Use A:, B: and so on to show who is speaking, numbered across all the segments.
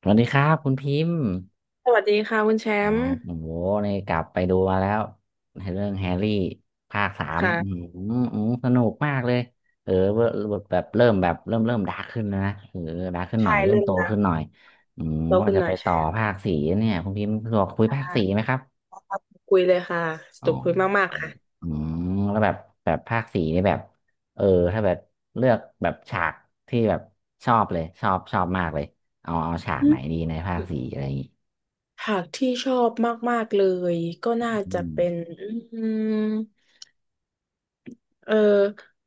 A: สวัสดีครับคุณพิมพ์
B: สวัสดีค่ะคุณแช
A: อ๋อ
B: มป์
A: โอ้โหนี่กลับไปดูมาแล้วในเรื่องแฮร์รี่ภาคสาม
B: ค่ะ
A: อืมสนุกมากเลย เออเวอร์แบบเริ่มแบบเริ่มดาร์กขึ้นแล้วนะเออดาร์กขึ้นหน่อ
B: ใช่
A: ยเริ่ม
B: เริ่ม
A: โตขึ้น
B: ละ
A: หน่อยอืม
B: โต
A: ว่า
B: ขึ้น
A: จะ
B: หน่
A: ไป
B: อย
A: ต่
B: ใช่
A: อภาคสี่เนี่ยคุณพิมพ์สะดวกคุย
B: ค
A: ภาค
B: ่ะ
A: สี่ไหมครับ
B: คุยเลยค่ะส
A: อ๋อ
B: นุกคุยมากๆค่ะ
A: อืมแล้วแบบแบบภาคสี่นี่แบบเออถ้าแบบเลือกแบบฉากที่แบบชอบเลยชอบมากเลยเอาฉาก
B: อื
A: ไหน
B: ม
A: ดีในภาคสี่อะไรอย่างงี้
B: หากที่ชอบมากๆเลยก็น่า
A: อื
B: จะ
A: ม
B: เป็นอืมเออ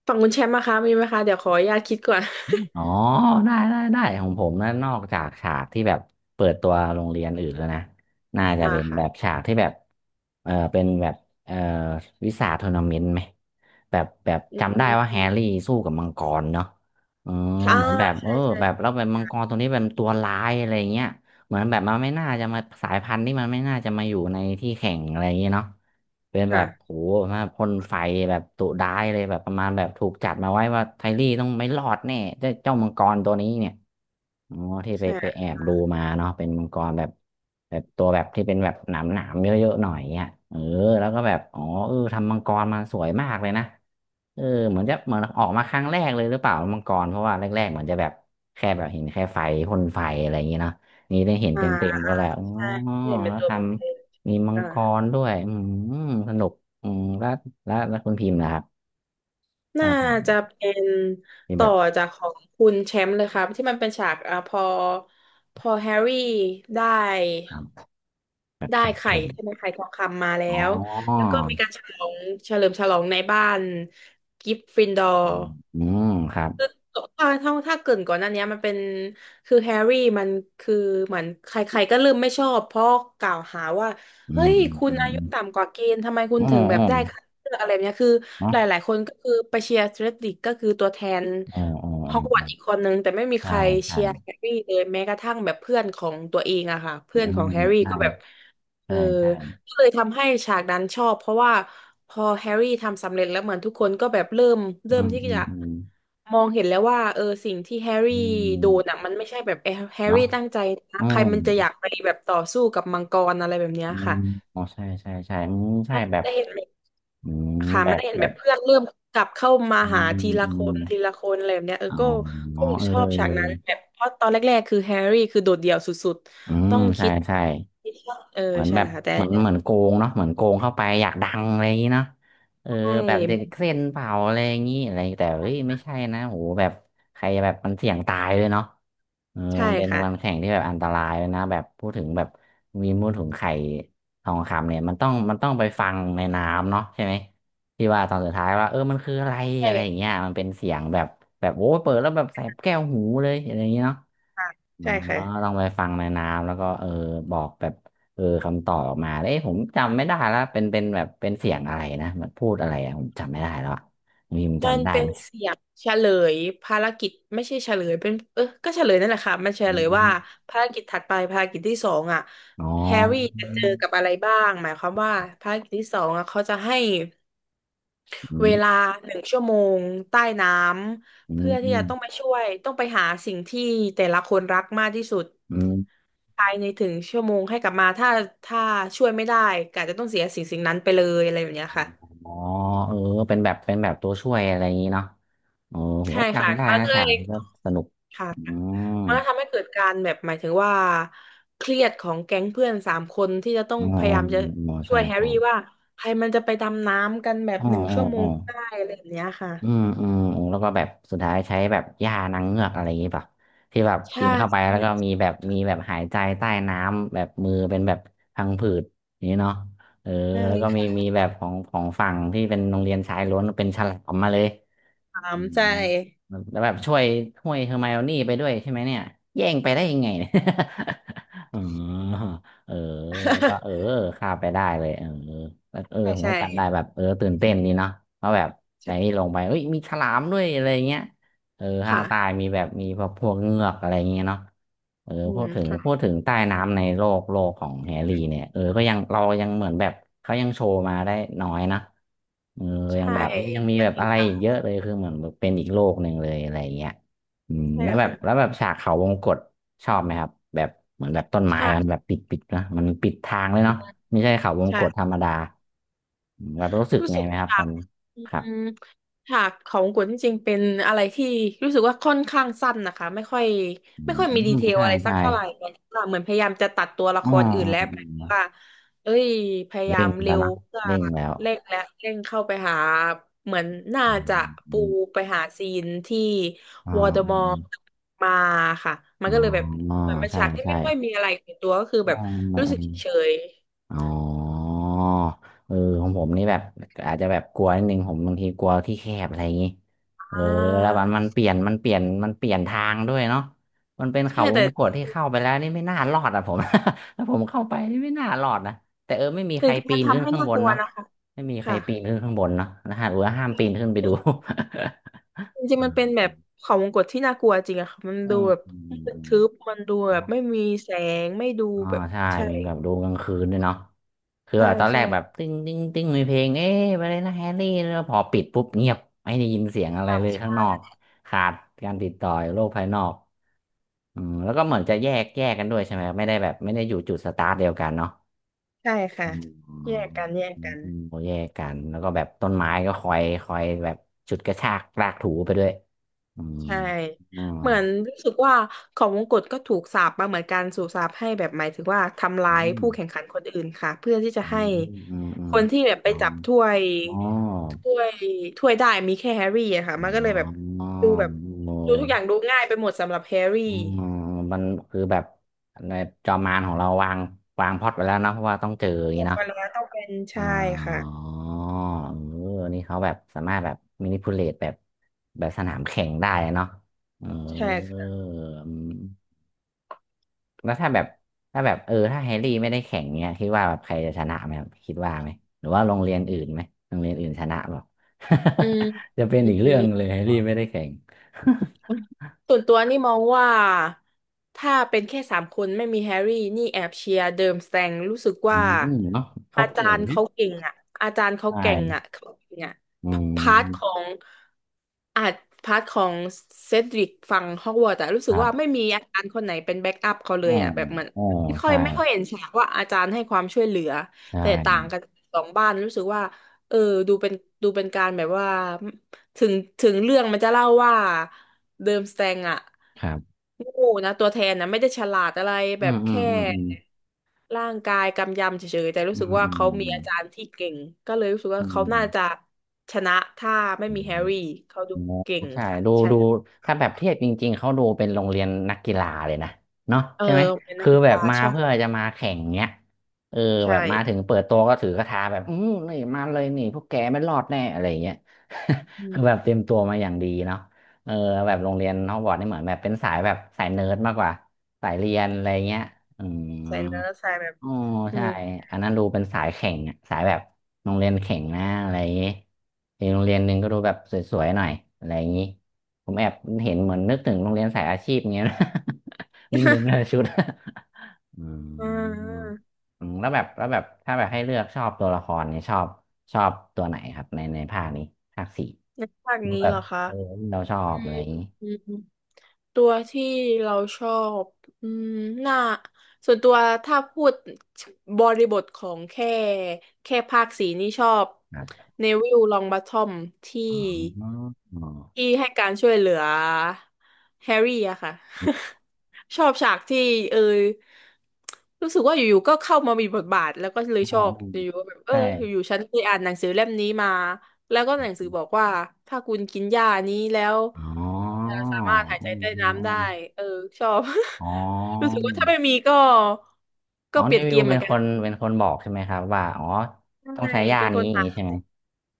B: ฝั่งคุณแชมป์นะคะมีไหมคะเดี๋ยวขออนุญาตคิดก่อน
A: อ๋อได้ของผมนะนอกจากฉากที่แบบเปิดตัวโรงเรียนอื่นแล้วนะน่า จะ
B: อ่า
A: เป็น
B: ค่ะ
A: แบบฉากที่แบบเป็นแบบเออวิสาทัวร์นาเมนต์ไหมแบบแบบ
B: อื
A: จำได้ว่าแฮร์รี่
B: ม
A: สู้กับมังกรเนาะเออ
B: ค่ะอ่า
A: เหมือนแบบ
B: ใช่
A: แบบแล้วแบบมังกรตัวนี้เป็นตัวร้ายอะไรเงี้ยเหมือนแบบมันไม่น่าจะมาสายพันธุ์นี่มันไม่น่าจะมาอยู่ในที่แข่งอะไรเงี้ยเนาะ เป็นแบบโห
B: ค่ะ
A: มาพ่นไฟแบบดุร้ายเลยแบบประมาณแบบถูกจัดมาไว้ว่าไทลี่ต้องไม่รอดแน่เจ้ามังกรตัวนี้เนี่ยอ๋อที่ไป
B: ใช่
A: ไปแอบดูมาเนาะเป็นมังกรแบบแบบตัวแบบที่เป็นแบบหนามเยอะๆหน่อยเนี่ยเออแล้วก็แบบอ๋อเออทำมังกรมาสวยมากเลยนะเออเหมือนจะเหมือนออกมาครั้งแรกเลยหรือเปล่ามังกรเพราะว่าแรกๆเหมือนจะแบบแค่แบบเห็นแค่ไฟพ่นไฟอะไรอย่างเงี้เนาะนี่ได้เห็น
B: อ่า
A: เต็มๆก็แล้วอ๋อ
B: ใช่เห็นเป็น
A: แล้ว
B: ตัว
A: ท
B: เป็นเอง
A: ำ มีมัง
B: ค่ะ
A: กรด้วยอืมสนุกอืมแล้วแล้วคุณพิมพ์นะครับร
B: น่า
A: อบหลั
B: จะ
A: ง
B: เป็น
A: มีแบ
B: ต่อ
A: บ
B: จากของคุณแชมป์เลยครับที่มันเป็นฉากอ่ะพอแฮร์รี่ได้
A: ครับแบบ
B: ได้
A: ใส่
B: ไข่
A: แข่ง
B: ใช่ไหมไข่ทองคำมาแล้
A: อ๋อ
B: วแล้วก็มีการฉลองเฉลิมฉลองในบ้านกริฟฟินดอร์
A: อืมอืมครับ
B: ถ้าถถ้าเกรินก่อนหน้านี้มันเป็นคือแฮร์รี่มันคือเหมือนใครๆก็เริ่มไม่ชอบเพราะกล่าวหาว่า
A: อื
B: เฮ้
A: ม
B: ยคุณ
A: อื
B: อายุ
A: ม
B: ต่ำกว่าเกณฑ์ทำไมคุณ
A: อืม
B: ถึ
A: อื
B: ง
A: ม
B: แบ
A: อื
B: บ
A: ม
B: ได้คัดเลือกอะไรแบบเนี้ยคือ
A: เนาะ
B: หลายๆคนก็คือไปเชียร์เดรดดิกก็คือตัวแทน
A: ออออเออเอ
B: ฮอกวอต
A: ม
B: ส์อีกคนนึงแต่ไม่มีใค
A: ใช่
B: ร
A: ใช่
B: เชียร์แฮร์รี่เลยแม้กระทั่งแบบเพื่อนของตัวเองอะค่ะ
A: อื
B: เพื่อนขอ
A: ม
B: งแฮร์รี่
A: ใช่
B: ก็แบบเอ
A: ใช่
B: อ
A: ใช่
B: ก็เลยทำให้ฉากนั้นชอบเพราะว่าพอแฮร์รี่ทำสำเร็จแล้วเหมือนทุกคนก็แบบเริ่มเริ่
A: อื
B: ม
A: ม
B: ที่
A: อืม
B: จะ
A: อืม
B: มองเห็นแล้วว่าเออสิ่งที่แฮร์
A: อื
B: รี่โดน
A: ม
B: อ่ะมันไม่ใช่แบบแฮแฮร์
A: เนาะ
B: รี่ตั้งใจนะ
A: อื
B: ใคร
A: ม
B: มันจะอยากไปแบบต่อสู้กับมังกรอะไรแบบเนี้ย
A: อื
B: ค่ะ
A: มอ๋อใช่ใช่ใช่อืมใช่แบบ
B: ได้เห็นแบบ
A: อืม
B: ค่ะ
A: แบ
B: มัน
A: บ
B: ได้เห็น
A: แบ
B: แบ
A: บ
B: บเพื่อนเริ่มกลับเข้ามา
A: อื
B: หา
A: ม
B: ทีละ
A: อื
B: ค
A: ม
B: นทีละคนอะไรแบบเนี้ยเออ
A: อ๋อ
B: ก็ก็
A: เอ
B: ชอบฉากนั้น
A: อ
B: แบบเพราะตอนแรกๆคือแฮร์รี่คือโดดเดี่ยวสุด
A: อื
B: ๆ
A: ม
B: ต้อง
A: ใช่
B: คิด
A: ใช่
B: เออ
A: เหมือน
B: ใช่
A: แบบ
B: ค่ะแต่
A: เหมือน
B: ใ
A: โกงเนาะเหมือนโกงเข้าไปอยากดังอะไรอย่างนี้เนาะเออ
B: ช
A: แบบเด็ก
B: ่
A: เส้นเผาอะไรอย่างนี้อะไรแต่เฮ้ยไม่ใช่นะโหแบบใครแบบมันเสี่ยงตายเลยเนาะเออ
B: ใช่
A: มันเป็น
B: ค่ะ
A: วันแข่งที่แบบอันตรายเลยนะแบบพูดถึงแบบมีมูลถุงไข่ทองคำเนี่ยมันต้องไปฟังในน้ำเนาะใช่ไหมที่ว่าตอนสุดท้ายว่าเออมันคืออะไรอะไรอย่างเงี้ยมันเป็นเสียงแบบแบบโอ้ยเปิดแล้วแบบแสบแก้วหูเลยอะไรอย่างเงี้ยเนาะ
B: ค่ะ
A: อ๋
B: ใช่ค่ะ
A: อต้องไปฟังในน้ำแล้วก็เออบอกแบบเออคำตอบออกมาเอ้ยผมจำไม่ได้แล้วเป็นแบบเป็นเสียงอะไรนะมันพูดอะไรอะผมจำไม่ได้แล้วอะมีม
B: มัน
A: จำได้
B: เป็น
A: ไหม
B: เสียงเฉลยภารกิจไม่ใช่เฉลยเป็นเออก็เฉลยนั่นแหละค่ะมันเฉ
A: อื
B: ลยว่า
A: ม
B: ภารกิจถัดไปภารกิจที่สองอ่ะ
A: อ๋อ
B: แฮร์รี่จะเจอกับอะไรบ้างหมายความว่าภารกิจที่สองอ่ะเขาจะให้
A: อื
B: เว
A: ม
B: ลาหนึ่งชั่วโมงใต้น้
A: อื
B: ำเพื่อที่จะต้องไป
A: ม
B: ช่วยต้องไปหาสิ่งที่แต่ละคนรักมากที่สุด
A: อืม
B: ภายในถึงชั่วโมงให้กลับมาถ้าช่วยไม่ได้ก็อาจจะต้องเสียสิ่งสิ่งนั้นไปเลยอะไรแบบเนี้ยค่ะ
A: อ๋อเออเป็นแบบเป็นแบบตัวช่วยอะไรอย่างนี้เนาะเออผม
B: ใช่
A: ก็
B: ค่ะ
A: จำได้
B: มัน
A: นะ
B: ก็เล
A: ฉาก
B: ย
A: นี้ก็สนุก
B: ค่ะ
A: อืม
B: มันก็ทำให้เกิดการแบบหมายถึงว่าเครียดของแก๊งเพื่อนสามคนที่จะต้อง
A: อ๋อ
B: พยายามจะ
A: อ๋อ
B: ช่ว
A: ใช่
B: ยแฮร์
A: ใช่
B: รี่ว่าใครมันจะไปดำน้ำกันแบบ
A: อ๋อ
B: หนึ่ง
A: อ๋อ
B: ชั่วโม
A: อ๋อ
B: งได้อะไรแบบเนี้ยค่ะ
A: อืมอืมอืมแล้วก็แบบสุดท้ายใช้แบบยานางเงือกอะไรอย่างงี้ป่ะที่แบบ
B: ใช่
A: กินเข้าไปแล้วก็มีแบบมีแบบหายใจใต้น้ำแบบมือเป็นแบบพังผืดอย่างนี้เนาะเออ
B: ใช่
A: แล้วก็มี
B: ค่ะ
A: แบบของฝั่งที่เป็นโรงเรียนชายล้วนเป็นฉลามมาเลย
B: ถา
A: อื
B: ม
A: ม
B: ใช่
A: แล้วแบบช่วยเฮอร์ไมโอนี่ไปด้วยใช่ไหมเนี่ยแย่งไปได้ยังไงเนี่ย อ๋อเออแล้วก็ เออข้ามไปได้เลย เออแล้วเออ
B: ใช่
A: ผม
B: ใช่
A: ก็จำได้แบบเออตื่นเต้นดีเนาะเพราะแบบไน
B: ใช่
A: นี่ลงไป เอ้ย มีฉลามด้วยอะไรเงี้ย เออข้างใต้
B: ค่ะ
A: มีแบบมีพวกเงือกอะไรอย่างเงี้ยเนาะเออ
B: อื
A: พู
B: ม
A: ดถึง
B: ค่ะ
A: พูดถึงใต้น้ำในโลกของแฮร์รี่เนี่ยเออก็ยังเรายังเหมือนแบบเขายังโชว์มาได้น้อยนะเออยัง
B: ใช่
A: แบบยังมี
B: ใช่
A: แบบอะไรอีก
B: ค่ะ
A: เยอะเลยคือเหมือนแบบเป็นอีกโลกหนึ่งเลยอะไรอย่างเงี้ยอืม
B: ใช่
A: แล้วแบบ
B: ค่ะ
A: แล้วแบบฉากเขาวงกตชอบไหมครับแบบเหมือนแบบต้นไม้
B: ใช่
A: มันแบบปิดนะมันปิดทางเลยเนาะไม่ใช่เขาวงกตธร
B: ใช่
A: รมดาอืมแบบรู้สึก
B: รู้
A: ไง
B: สึก
A: ไหมครับ
B: ฉา
A: ตอ
B: ก
A: น
B: อื
A: ครับ
B: มฉากของกุนจริงๆเป็นอะไรที่รู้สึกว่าค่อนข้างสั้นนะคะไม่ค่อย
A: อื
B: ไม่ค่อยมีดี
A: ม
B: เทล
A: ใช่
B: อะไรสัก
A: ใช่
B: เท่าไหร่เหมือนว่าเหมือนพยายามจะตัดตัวละค
A: อ่
B: รอื่นแล้ว
A: า
B: แบบว่าเอ้ยพยายา
A: เร่ง
B: มเร็
A: แล้ว
B: ว
A: นะ
B: เพื่อ
A: เร่งแล้ว
B: เร่งและเร่งเข้าไปหาเหมือนน่า
A: อื
B: จะปู
A: ม
B: ไปหาซีนที่
A: อ่า
B: วอร์ดอ
A: อื
B: มอร์
A: ม
B: มาค่ะมั
A: อ๋
B: นก็เลยแบบ
A: อ
B: เหมือนเป็น
A: ใช่
B: ฉากที่
A: ใช่
B: ไม่ค่อยมีอะไรในตัวก็คือแบ
A: อ๋
B: บ
A: อ
B: รู้สึกเฉย
A: อ๋อเออของผมนี่แบบอาจจะแบบกลัวนิดนึงผมบางทีกลัวที่แคบอะไรอย่างงี้
B: ๆ
A: เออ
B: อ่า
A: แล้วมันมันเปลี่ยนทางด้วยเนาะมันเป็น
B: ใช่
A: เขาว
B: แต่
A: งกตที่เข้าไปแล้วนี่ไม่น่ารอดอ่ะผม ถ้าผมเข้าไปนี่ไม่น่ารอดนะแต่ไม่มี
B: จ
A: ใคร
B: ริงๆ
A: ปี
B: มัน
A: นขึ้
B: ทำ
A: น
B: ให้
A: ข้าง
B: น่า
A: บ
B: ก
A: น
B: ลัว
A: เนาะ
B: นะคะ
A: ไม่มีใคร
B: ค่ะ
A: ปีนขึ้นข้างบนเนาะนะฮะหรือว่าห้ามปีนขึ้นไปดู
B: จริง
A: อ่
B: ๆมันเป็นแบ
A: า
B: บเขาวงกตที่น่ากลัวจริงอะค่ะมัน
A: อื
B: ดู
A: ม
B: แบบ
A: อืมอืม
B: ทึบมันดูแบบ
A: เนาะ
B: ไม่มีแสง ไม่ดู
A: อ่า
B: แบบ
A: ใช่
B: ใช่
A: เป็นแบบดูกลางคืนด้วยเนาะคือ
B: ใช่
A: แบบตอนแร
B: ใช่
A: กแบบ
B: ค
A: ติ้งติ้งติ้งมีเพลงเอ๊ะไปเลยนะแฮร์รี่แล้วพอปิดปุ๊บเงียบไม่ได้ยินเสียงอะไร
B: รับ
A: เลยข้าง
B: ใช่
A: นอกขาดการติดต่อโลกภายนอกอืมแล้วก็เหมือนจะแยกกันด้วยใช่ไหมไม่ได้แบบไม่ได้อยู่จุดสตาร์ทเดียวกันเนาะ
B: ใช่
A: อื
B: ค่ะ
A: มอื
B: แยกกันแยก
A: ม
B: กัน
A: อืมโอแยกกันแล้วก็แบบต้นไม้ก็คอยแบบฉุดกระชากลากถูไปด้วยอืม
B: ใช่
A: อืม
B: เหมือนรู้สึกว่าของมงกุฎก็ถูกสาปมาเหมือนกันสูบสาปให้แบบหมายถึงว่าทำ
A: อื
B: ร้าย
A: ม
B: ผู้แข่งขันคนอื่นค่ะเพื่อที่จะ
A: อื
B: ให้
A: มอืมอื
B: ค
A: ม
B: นที่แบบไปจับถ้วย
A: อ๋อ
B: ถ้วยถ้วยได้มีแค่แฮร์รี่อะค่ะ
A: อ๋อ
B: มันก็เลยแบบ
A: อ๋อ
B: ดูแบบ
A: เอ
B: ดูทุกอย่าง
A: อ
B: ดูง่ายไปหมดสำหรับแฮร์รี่
A: อืมมันคือแบบในจอมมารของเราวางพล็อตไว้แล้วเนาะเพราะว่าต้องเจออย่าง
B: ตั
A: นี้
B: วค
A: เนาะ
B: นแล้วต้องเป็น
A: อ๋อ
B: ใช่ค่ะ
A: เออนี่เขาแบบสามารถแบบมินิพูเลตแบบแบบสนามแข่งได้เนาะเอ
B: ใช่
A: อ
B: ค่ะ
A: แล้วถ้าแบบถ้าแบบถ้าแฮร์รี่ไม่ได้แข่งเนี้ยคิดว่าแบบใครจะชนะไหมครับคิดว่าไหมหรือว่าโรงเรียนอื่นไหมโรงเรียนอื่นชนะเปล่า
B: อืม
A: จะเป็นอีกเรื่องเลยแฮร์รี่ไม่ได้แข่ง
B: ส่วนตัวนี่มองว่าถ้าเป็นแค่สามคนไม่มีแฮร์รี่นี่แอบเชียร์เดิมสแตงรู้สึก
A: อื
B: ว่า
A: มเนาะเขา
B: อาจา
A: เก่ง
B: รย์
A: นะ
B: เขาเก่งอ่ะอาจารย์เขา
A: ใช
B: เก่งอ่ะ
A: ่
B: เขาเก่งอ่ะ
A: อื
B: พาร์ทขอ
A: ม
B: งอาจพาร์ทของเซดริกฝั่งฮอกวอตส์แต่รู้
A: ค
B: สึก
A: รับ
B: ว่าไม่มีอาจารย์คนไหนเป็นแบ็กอัพเขาเล
A: อ๋อ
B: ยอ่ะแบบเหมือน
A: อ๋อ
B: ไม่ค่อย
A: ใช่
B: ไม่ค่อยเห็นฉากว่าอาจารย์ให้ความช่วยเหลือ
A: ใช
B: แต่ต่าง
A: ่
B: กันสองบ้านรู้สึกว่าเออดูเป็นดูเป็นการแบบว่า ถึงถึงเรื่องมันจะเล่าว่าเดิมสแตงอะ
A: ครับ
B: โง่นะตัวแทนนะไม่ได้ฉลาดอะไร
A: อื
B: แบบ
A: มอืม
B: แค่
A: อืม
B: ร่างกายกำยำเฉยๆแต่รู้
A: อื
B: สึก
A: ม
B: ว่า
A: อื
B: เขามี
A: ม
B: อาจารย์ที่เก่งก็เลยรู้สึก
A: อื
B: ว่า
A: มอื
B: เขา
A: ม
B: น่าจะชนะถ้าไม่
A: อื
B: มีแฮ
A: ม
B: ร์รี่เขาดู
A: อ๋อ
B: เก่ง
A: ใช่
B: ค่ะ
A: ดู
B: ใช่
A: ดูถ้าแบบเทียบจริงๆเขาดูเป็นโรงเรียนนักกีฬาเลยนะเนาะ
B: เออ
A: ใช่ไหม
B: เป็นนัก
A: คือ
B: กี
A: แบบ
B: ฬา
A: มา
B: ใช่
A: เพื่อจะมาแข่งเนี้ยเออ
B: ใช่
A: แบบมาถึงเปิดตัวก็ถือกระทาแบบอืมนี่มาเลยนี่พวกแกไม่รอดแน่อะไรอย่างเงี้ย
B: อื
A: คือแบ
B: ม
A: บเตรียมตัวมาอย่างดีเนาะเออแบบโรงเรียนฮอกวอตส์นี่เหมือนแบบเป็นสายแบบสายเนิร์ดมากกว่าสายเรียนอะไรเงี้ยอืม
B: ใส่เนื้อใส่แบบ
A: อ๋อ
B: อื
A: ใช่
B: ม
A: อันนั้นดูเป็นสายแข่งอะสายแบบโรงเรียนแข่งนะอะไรอย่างงี้อีกโรงเรียนหนึ่งก็ดูแบบสวยๆหน่อยอะไรอย่างงี้ผมแอบเห็นเหมือนนึกถึงโรงเรียนสายอาชีพเงี้ยนะ นิดนึงนะ ชุดอื
B: อ่
A: ม
B: า
A: อืมแล้วแบบแล้วแบบถ้าแบบให้เลือกชอบตัวละครเนี่ยชอบชอบตัวไหนครับในในภาคนี้ภาคสี่
B: ในภาค
A: ดู
B: นี้
A: แบ
B: เห
A: บ
B: รอคะ
A: เออเราชอ
B: อื
A: บอะไร
B: ม
A: อย่างงี้
B: อืม ตัวที่เราชอบอืมน่าส่วนตัวถ้าพูดบริบทของแค่ภาคสีนี่ชอบ
A: ครับ
B: เนวิลลองบ o ทอมที่
A: อ๋ออ๋อ
B: ที่ให้การช่วยเหลือแฮร์รี่อะค่ะ ชอบฉากที่เออรู้สึกว่าอยู่ๆก็เข้ามามีบทบาทแล้วก็เลย
A: อ๋
B: ช
A: อ
B: อบอยู่ๆก็แบบเออ
A: ใช่
B: อยู่ๆฉันเคยอ่านหนังสือเล่มนี้มาแล้วก็หนังสือบอกว่าถ้าคุณกินยานี้แล้ว
A: อ๋อ
B: จะ
A: อื
B: สา
A: ม
B: มารถหาย
A: อื
B: ใจ
A: ม
B: ใต้
A: อื
B: น้ำได้
A: ม
B: เออชอบ
A: อ๋
B: รู้สึก
A: อ
B: ว่าถ้าไม่มีก็
A: อ๋
B: ก็
A: อ
B: เป
A: ใน
B: ลี่ยน
A: วิ
B: เก
A: ว
B: มเห
A: เป็
B: มือ
A: น
B: นกั
A: ค
B: น
A: นเป็นคนบอกใช่ไหมครับว่าอ๋อต้อง
B: ใช่
A: ใช้ยา
B: เป็นค
A: นี้
B: น
A: อย่าง
B: หา
A: นี้ใช่ไหม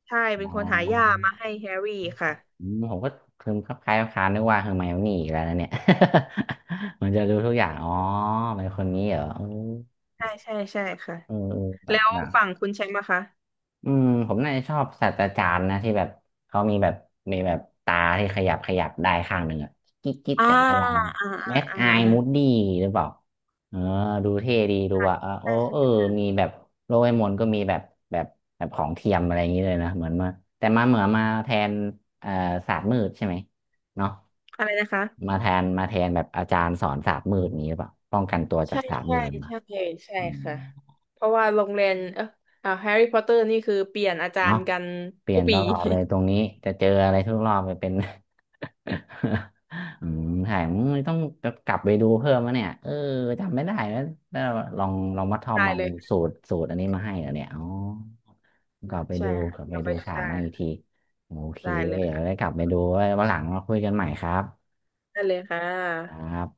B: ใช่เป็น
A: อ๋
B: คนหายา
A: อ
B: มาให้แฮร์รี่ค่ะ
A: อืมผมก็คือคลับคล้ายคล้ายนึกว่าเฮอร์ไมโอนี่อีกแล้วนะเนี่ย เหมือนจะรู้ทุกอย่างอ๋อเป็นคนนี้เหรอเออ
B: ใช่ ใช่ ใช่ค่ะ
A: เออเอ
B: แล้ว
A: อ
B: ฝั่งคุณแชมป์อะคะ
A: อืมผมน่าจะชอบศาสตราจารย์นะที่แบบเขามีแบบมีแบบตาที่ขยับขยับได้ข้างหนึ่งอะกิ๊กกิ๊ก
B: อ่า
A: กันได้ลาย
B: อ่า
A: แมท
B: อ่า อ่า
A: ไอ
B: อ่า
A: มูดดี้หรือเปล่าเออดูเท่ดีดูว่าเออ
B: ใช
A: โอ้เออ
B: ่
A: มีแบบโลเอมอนก็มีแบบแบบแบบของเทียมอะไรอย่างนี้เลยนะเหมือนมาแต่มาเหมือนมาแทนเอ่อศาสตร์มืดใช่ไหมเนาะ
B: อะไรนะคะ
A: มาแทนแบบอาจารย์สอนศาสตร์มืดนี้หรือเปล่าป้องกันตัวจา
B: ใช่
A: กศาสตร์
B: ใช่
A: มืดมา
B: ใช่ ใช่
A: อืม
B: ค่ะ เพราะว่าโรงเรียนแฮร์รี่พอตเตอร์นี่คือเปลี่ยนอาจา
A: เนาะ
B: รย์กัน
A: เปลี่
B: ทุ
A: ยน
B: ก
A: ต
B: ปี
A: ลอดเลยตรงนี้จะเจออะไรทุกรอบไปเป็น อืมถ่ายมึงต้องกลับไปดูเพิ่มนะเนี่ยเออจำไม่ได้แล้วแล้วลองลองมาทอ ม
B: ได้
A: เอา
B: เลย
A: สู
B: ค่ะ
A: ตรสูตรอันนี้มาให้เหรอเนี่ยอ๋อกลับไป
B: ใช่
A: ดู
B: ค่ะ
A: กลับไป
B: เราไป
A: ดู
B: ดู
A: ฉาก
B: ได้
A: นั้นอีกทีโอเค
B: ได้เลย
A: เดี๋ยวได้
B: ค่ะ
A: กลับไปดูไว้วันหลังมาคุยกันใหม่ครับ
B: ได้เลยค่
A: ค
B: ะ
A: รับ